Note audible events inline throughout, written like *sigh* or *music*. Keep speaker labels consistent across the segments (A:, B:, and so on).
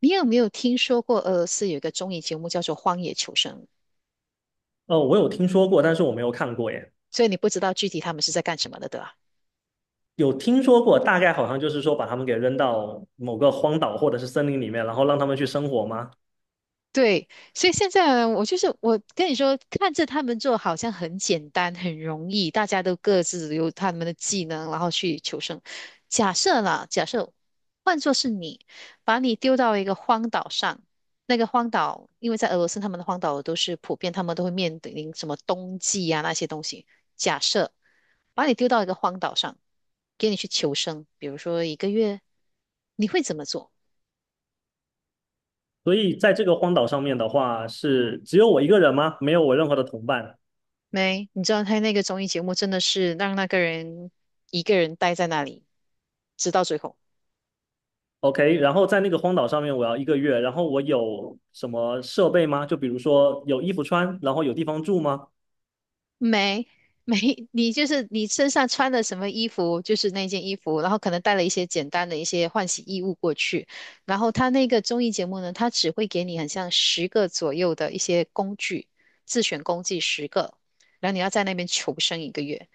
A: 你有没有听说过俄罗斯有一个综艺节目叫做《荒野求生》？
B: 哦，我有听说过，但是我没有看过耶。
A: 所以你不知道具体他们是在干什么的，对吧？
B: 有听说过，大概好像就是说把他们给扔到某个荒岛或者是森林里面，然后让他们去生活吗？
A: 对，所以现在呢我就是我跟你说，看着他们做好像很简单、很容易，大家都各自有他们的技能，然后去求生。假设换作是你，把你丢到一个荒岛上，那个荒岛，因为在俄罗斯他们的荒岛都是普遍，他们都会面临什么冬季啊那些东西。假设把你丢到一个荒岛上，给你去求生，比如说一个月，你会怎么做？
B: 所以在这个荒岛上面的话，是只有我一个人吗？没有我任何的同伴。
A: 没，你知道他那个综艺节目真的是让那个人一个人待在那里，直到最后。
B: OK,然后在那个荒岛上面，我要一个月，然后我有什么设备吗？就比如说有衣服穿，然后有地方住吗？
A: 没 *laughs* 没，你就是你身上穿的什么衣服，就是那件衣服，然后可能带了一些简单的一些换洗衣物过去。然后他那个综艺节目呢，他只会给你很像十个左右的一些工具，自选工具十个，然后你要在那边求生一个月。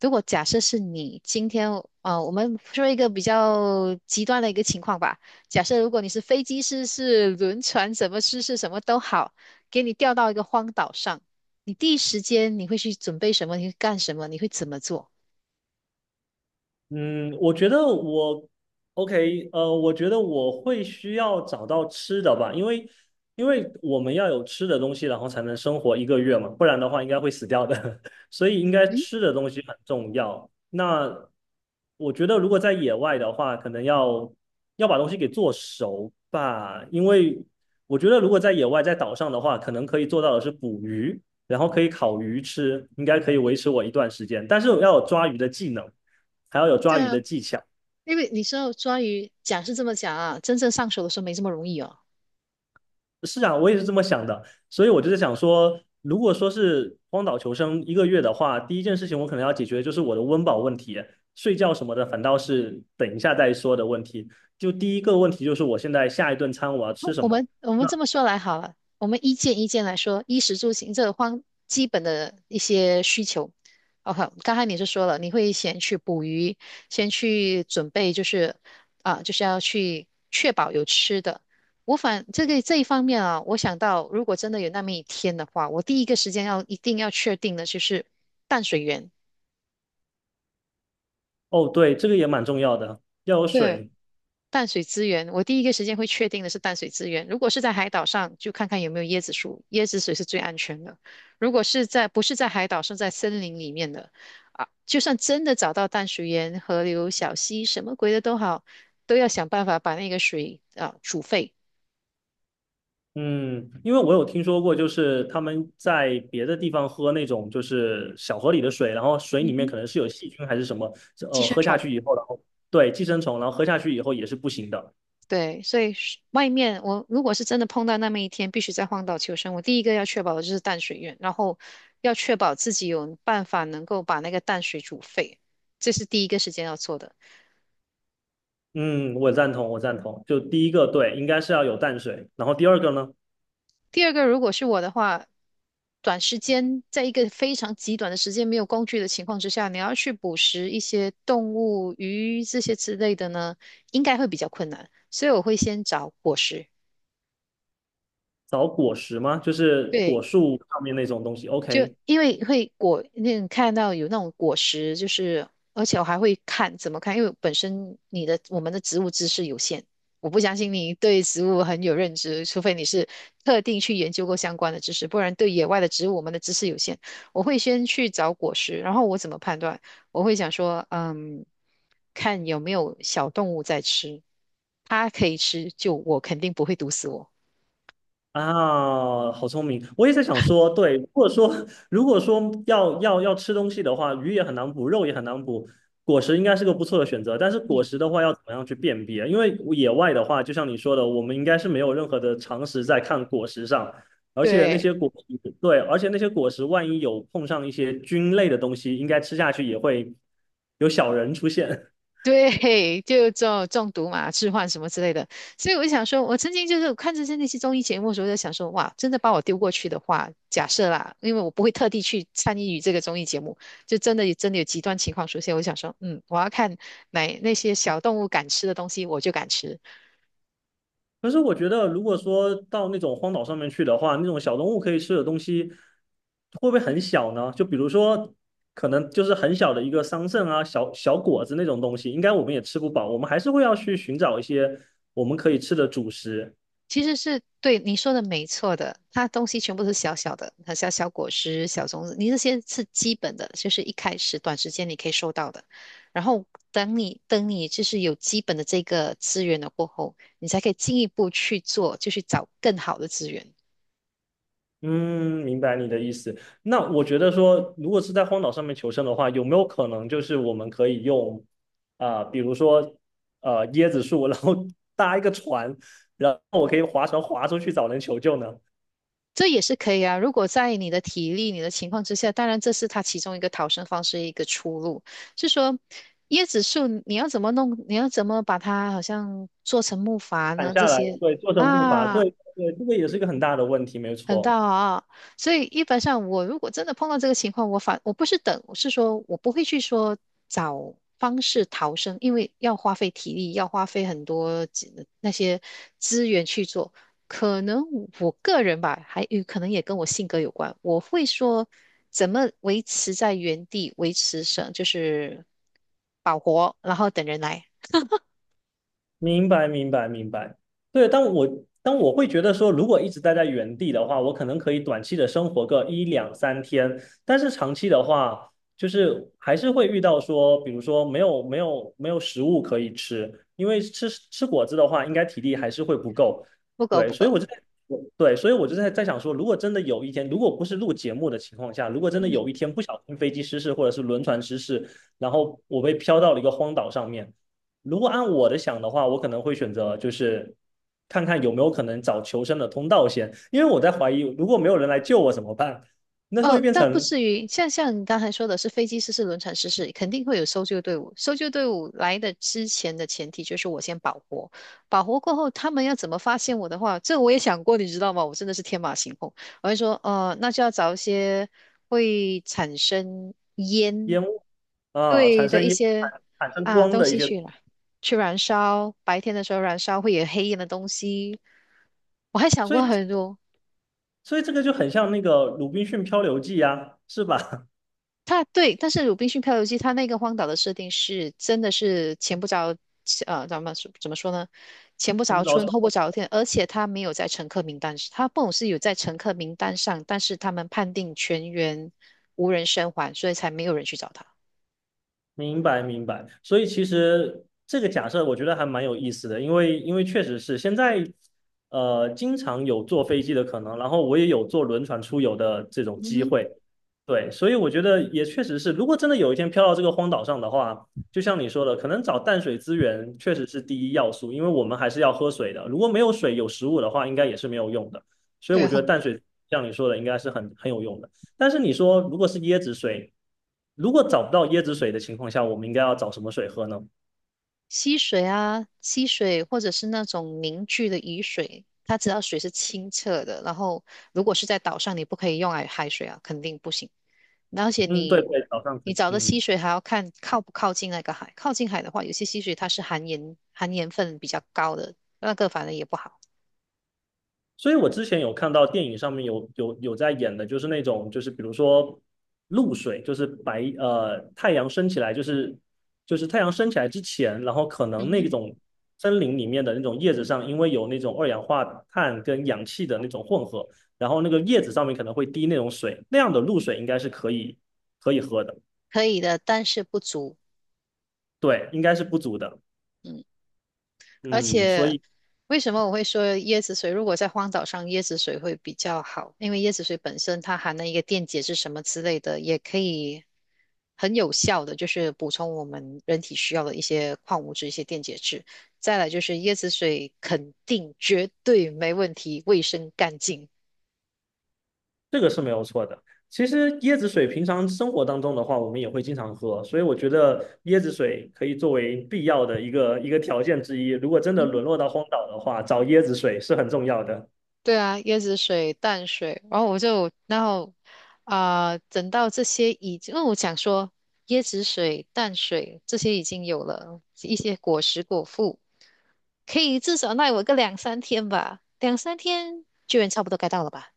A: 如果假设是你今天，啊，我们说一个比较极端的一个情况吧，假设如果你是飞机失事、轮船什么失事什么都好，给你调到一个荒岛上。你第一时间你会去准备什么？你会干什么？你会怎么做？
B: 嗯，我觉得我会需要找到吃的吧，因为我们要有吃的东西，然后才能生活一个月嘛，不然的话应该会死掉的，*laughs* 所以应该
A: 嗯，
B: 吃的东西很重要。那我觉得如果在野外的话，可能要把东西给做熟吧，因为我觉得如果在野外在岛上的话，可能可以做到的是捕鱼，然后可以烤鱼吃，应该可以维持我一段时间，但是我要有抓鱼的技能。还要有
A: 对
B: 抓鱼
A: 啊，
B: 的技巧。
A: 因为你知道抓鱼讲是这么讲啊，真正上手的时候没这么容易哦。
B: 是啊，我也是这么想的，所以我就是想说，如果说是荒岛求生一个月的话，第一件事情我可能要解决就是我的温饱问题，睡觉什么的反倒是等一下再说的问题。就第一个问题就是我现在下一顿餐我要吃
A: 不，
B: 什
A: 我
B: 么？
A: 们我们
B: 那
A: 这么说来好了，我们一件一件来说，衣食住行这个方基本的一些需求。OK，刚才你是说了，你会先去捕鱼，先去准备，就是啊，就是要去确保有吃的。我反这一方面啊，我想到如果真的有那么一天的话，我第一个时间一定要确定的就是淡水源。
B: 哦，对，这个也蛮重要的，要有
A: 对。
B: 水。
A: 淡水资源，我第一个时间会确定的是淡水资源。如果是在海岛上，就看看有没有椰子树，椰子水是最安全的。如果是在不是在海岛，是在森林里面的，啊，就算真的找到淡水源、河流、小溪，什么鬼的都好，都要想办法把那个水啊煮沸。
B: 嗯，因为我有听说过，就是他们在别的地方喝那种就是小河里的水，然后水里
A: 嗯
B: 面
A: 哼，
B: 可能是有细菌还是什么，
A: 寄生
B: 喝下
A: 虫。
B: 去以后，然后对寄生虫，然后喝下去以后也是不行的。
A: 对，所以是外面我如果是真的碰到那么一天，必须在荒岛求生，我第一个要确保的就是淡水源，然后要确保自己有办法能够把那个淡水煮沸，这是第一个时间要做的。
B: 嗯，我赞同，我赞同。就第一个，对，应该是要有淡水，然后第二个呢，
A: 第二个，如果是我的话，短时间在一个非常极短的时间没有工具的情况之下，你要去捕食一些动物、鱼这些之类的呢，应该会比较困难，所以我会先找果实。
B: 找果实吗？就是
A: 对。
B: 果树上面那种东西。
A: 就
B: OK,
A: 因为会果那种看到有那种果实，就是而且我还会看怎么看，因为本身你的我们的植物知识有限，我不相信你对植物很有认知，除非你是特定去研究过相关的知识，不然对野外的植物我们的知识有限。我会先去找果实，然后我怎么判断？我会想说，看有没有小动物在吃，它可以吃，就我肯定不会毒死我。
B: 啊，好聪明！我也在想说，对，如果说要吃东西的话，鱼也很难补，肉也很难补，果实应该是个不错的选择。但是果
A: 嗯，
B: 实的话，要怎么样去辨别？因为野外的话，就像你说的，我们应该是没有任何的常识在看果实上，
A: 对。
B: 而且那些果实万一有碰上一些菌类的东西，应该吃下去也会有小人出现。
A: 对，就中毒嘛，置换什么之类的。所以我就想说，我曾经就是看着那些综艺节目的时候，我就想说，哇，真的把我丢过去的话，假设啦，因为我不会特地去参与这个综艺节目，就真的有极端情况出现，我就想说，我要看那些小动物敢吃的东西，我就敢吃；
B: 可是我觉得，如果说到那种荒岛上面去的话，那种小动物可以吃的东西，会不会很小呢？就比如说，可能就是很小的一个桑葚啊、小小果子那种东西，应该我们也吃不饱，我们还是会要去寻找一些我们可以吃的主食。
A: 其实是对你说的没错的，它东西全部都是小小的，它小小果实、小种子，你这些是基本的，就是一开始短时间你可以收到的。然后等你就是有基本的这个资源了过后，你才可以进一步去做，就去找更好的资源。
B: 嗯，明白你的意思。那我觉得说，如果是在荒岛上面求生的话，有没有可能就是我们可以用啊、比如说呃椰子树，然后搭一个船，然后我可以划船划出去找人求救呢？
A: 这也是可以啊，如果在你的体力、你的情况之下，当然这是它其中一个逃生方式、一个出路。是说椰子树你要怎么弄？你要怎么把它好像做成木筏
B: 砍
A: 呢？这
B: 下来，
A: 些
B: 对，做成步伐，
A: 啊。
B: 对对，这个也是一个很大的问题，没
A: 很大
B: 错。
A: 啊，所以一般上我如果真的碰到这个情况，我反我不是等，我是说我不会去说找方式逃生，因为要花费体力，要花费很多资那些资源去做。可能我个人吧，还有可能也跟我性格有关，我会说怎么维持在原地，维持生就是保活，然后等人来，
B: 明白，明白，明白。对,但我会觉得说，如果一直待在原地的话，我可能可以短期的生活个一两三天，但是长期的话，就是还是会遇到说，比如说没有食物可以吃，因为吃果子的话，应该体力还是会不够。
A: 不够
B: 对，
A: 不
B: 所以
A: 够，
B: 我就在我对，所以我就在想说，如果真的有一天，如果不是录节目的情况下，如果真的
A: 嗯。
B: 有一天不小心飞机失事或者是轮船失事，然后我被飘到了一个荒岛上面。如果按我的想的话，我可能会选择就是看看有没有可能找求生的通道先，因为我在怀疑如果没有人来救我怎么办？那
A: 哦，
B: 会变
A: 倒不
B: 成
A: 至于，像你刚才说的是飞机失事、轮船失事，肯定会有搜救队伍。搜救队伍来的之前的前提就是我先保活，保活过后，他们要怎么发现我的话，这我也想过，你知道吗？我真的是天马行空，我会说，那就要找一些会产生嗯
B: 烟雾啊，
A: 对的一些
B: 产生
A: 啊
B: 光
A: 东
B: 的一
A: 西
B: 些，
A: 去了，去燃烧，白天的时候燃烧会有黑烟的东西，我还想
B: 所
A: 过
B: 以
A: 很多。
B: 所以这个就很像那个《鲁滨逊漂流记》啊，是吧？
A: 它对，但是《鲁滨逊漂流记》它那个荒岛的设定是真的是前不着咱们说怎么说呢？前不
B: *laughs* 我
A: 着
B: 们早
A: 村
B: 说。
A: 后不着店，而且它没有在乘客名单，它不是有在乘客名单上，但是他们判定全员无人生还，所以才没有人去找他。
B: 明白明白，所以其实这个假设我觉得还蛮有意思的，因为确实是现在，呃，经常有坐飞机的可能，然后我也有坐轮船出游的这种
A: 嗯
B: 机
A: 哼，
B: 会，对，所以我觉得也确实是，如果真的有一天飘到这个荒岛上的话，就像你说的，可能找淡水资源确实是第一要素，因为我们还是要喝水的，如果没有水有食物的话，应该也是没有用的，所以
A: 对，
B: 我觉得淡水像你说的应该是很有用的。但是你说如果是椰子水，如果找不到椰子水的情况下，我们应该要找什么水喝呢？
A: 溪水啊，溪水或者是那种凝聚的雨水，他只要水是清澈的，然后如果是在岛上，你不可以用来海水啊，肯定不行。而且
B: 嗯，对
A: 你
B: 对，早上可
A: 你
B: 以，
A: 找的溪
B: 嗯。
A: 水还要看靠不靠近那个海，靠近海的话，有些溪水它是含盐分比较高的，那个反正也不好。
B: 所以我之前有看到电影上面有在演的，就是那种就是比如说露水，就是白呃太阳升起来，就是太阳升起来之前，然后可
A: 嗯
B: 能那
A: 哼，
B: 种森林里面的那种叶子上，因为有那种二氧化碳跟氧气的那种混合，然后那个叶子上面可能会滴那种水，那样的露水应该是可以喝的。
A: 可以的，但是不足。
B: 对，应该是不足的。
A: 嗯。而
B: 嗯，所
A: 且
B: 以
A: 为什么我会说椰子水？如果在荒岛上，椰子水会比较好，因为椰子水本身它含了一个电解质什么之类的，也可以很有效的就是补充我们人体需要的一些矿物质、一些电解质。再来就是椰子水肯定绝对没问题，卫生干净。
B: 这个是没有错的。其实椰子水平常生活当中的话，我们也会经常喝，所以我觉得椰子水可以作为必要的一个条件之一。如果真的沦落到荒岛的话，找椰子水是很重要的。
A: 对啊，椰子水、淡水，然后我就，然后啊、等到这些已经，因为我想说椰子水、淡水这些已经有了一些果实果腹，可以至少耐我个两三天吧，两三天救援差不多该到了吧？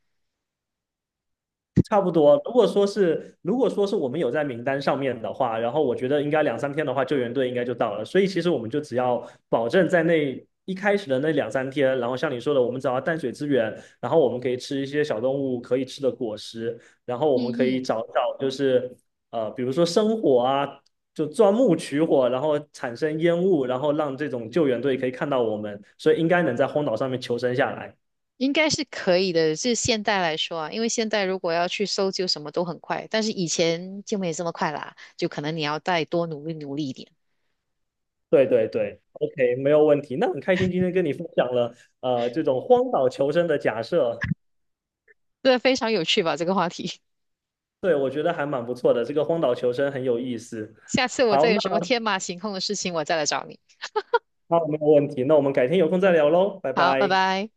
B: 差不多。如果说是我们有在名单上面的话，然后我觉得应该两三天的话，救援队应该就到了。所以其实我们就只要保证在那一开始的那两三天，然后像你说的，我们找到淡水资源，然后我们可以吃一些小动物可以吃的果实，然后我
A: 嗯
B: 们可以
A: 嗯，
B: 找找就是呃，比如说生火啊，就钻木取火，然后产生烟雾，然后让这种救援队可以看到我们，所以应该能在荒岛上面求生下来。
A: 应该是可以的。就现代来说啊，因为现代如果要去搜救什么都很快，但是以前就没这么快啦，就可能你要再多努力努力一点。
B: 对对对，OK,没有问题。那很开心今天跟你分享了这种荒岛求生的假设，
A: 对，非常有趣吧，这个话题。
B: 对，我觉得还蛮不错的，这个荒岛求生很有意思。
A: 下次我再
B: 好，
A: 有什么
B: 那
A: 天马行空的事情，我再来找你。
B: 好，没有问题，那我们改天有空再聊喽，拜
A: 好，拜
B: 拜。
A: 拜。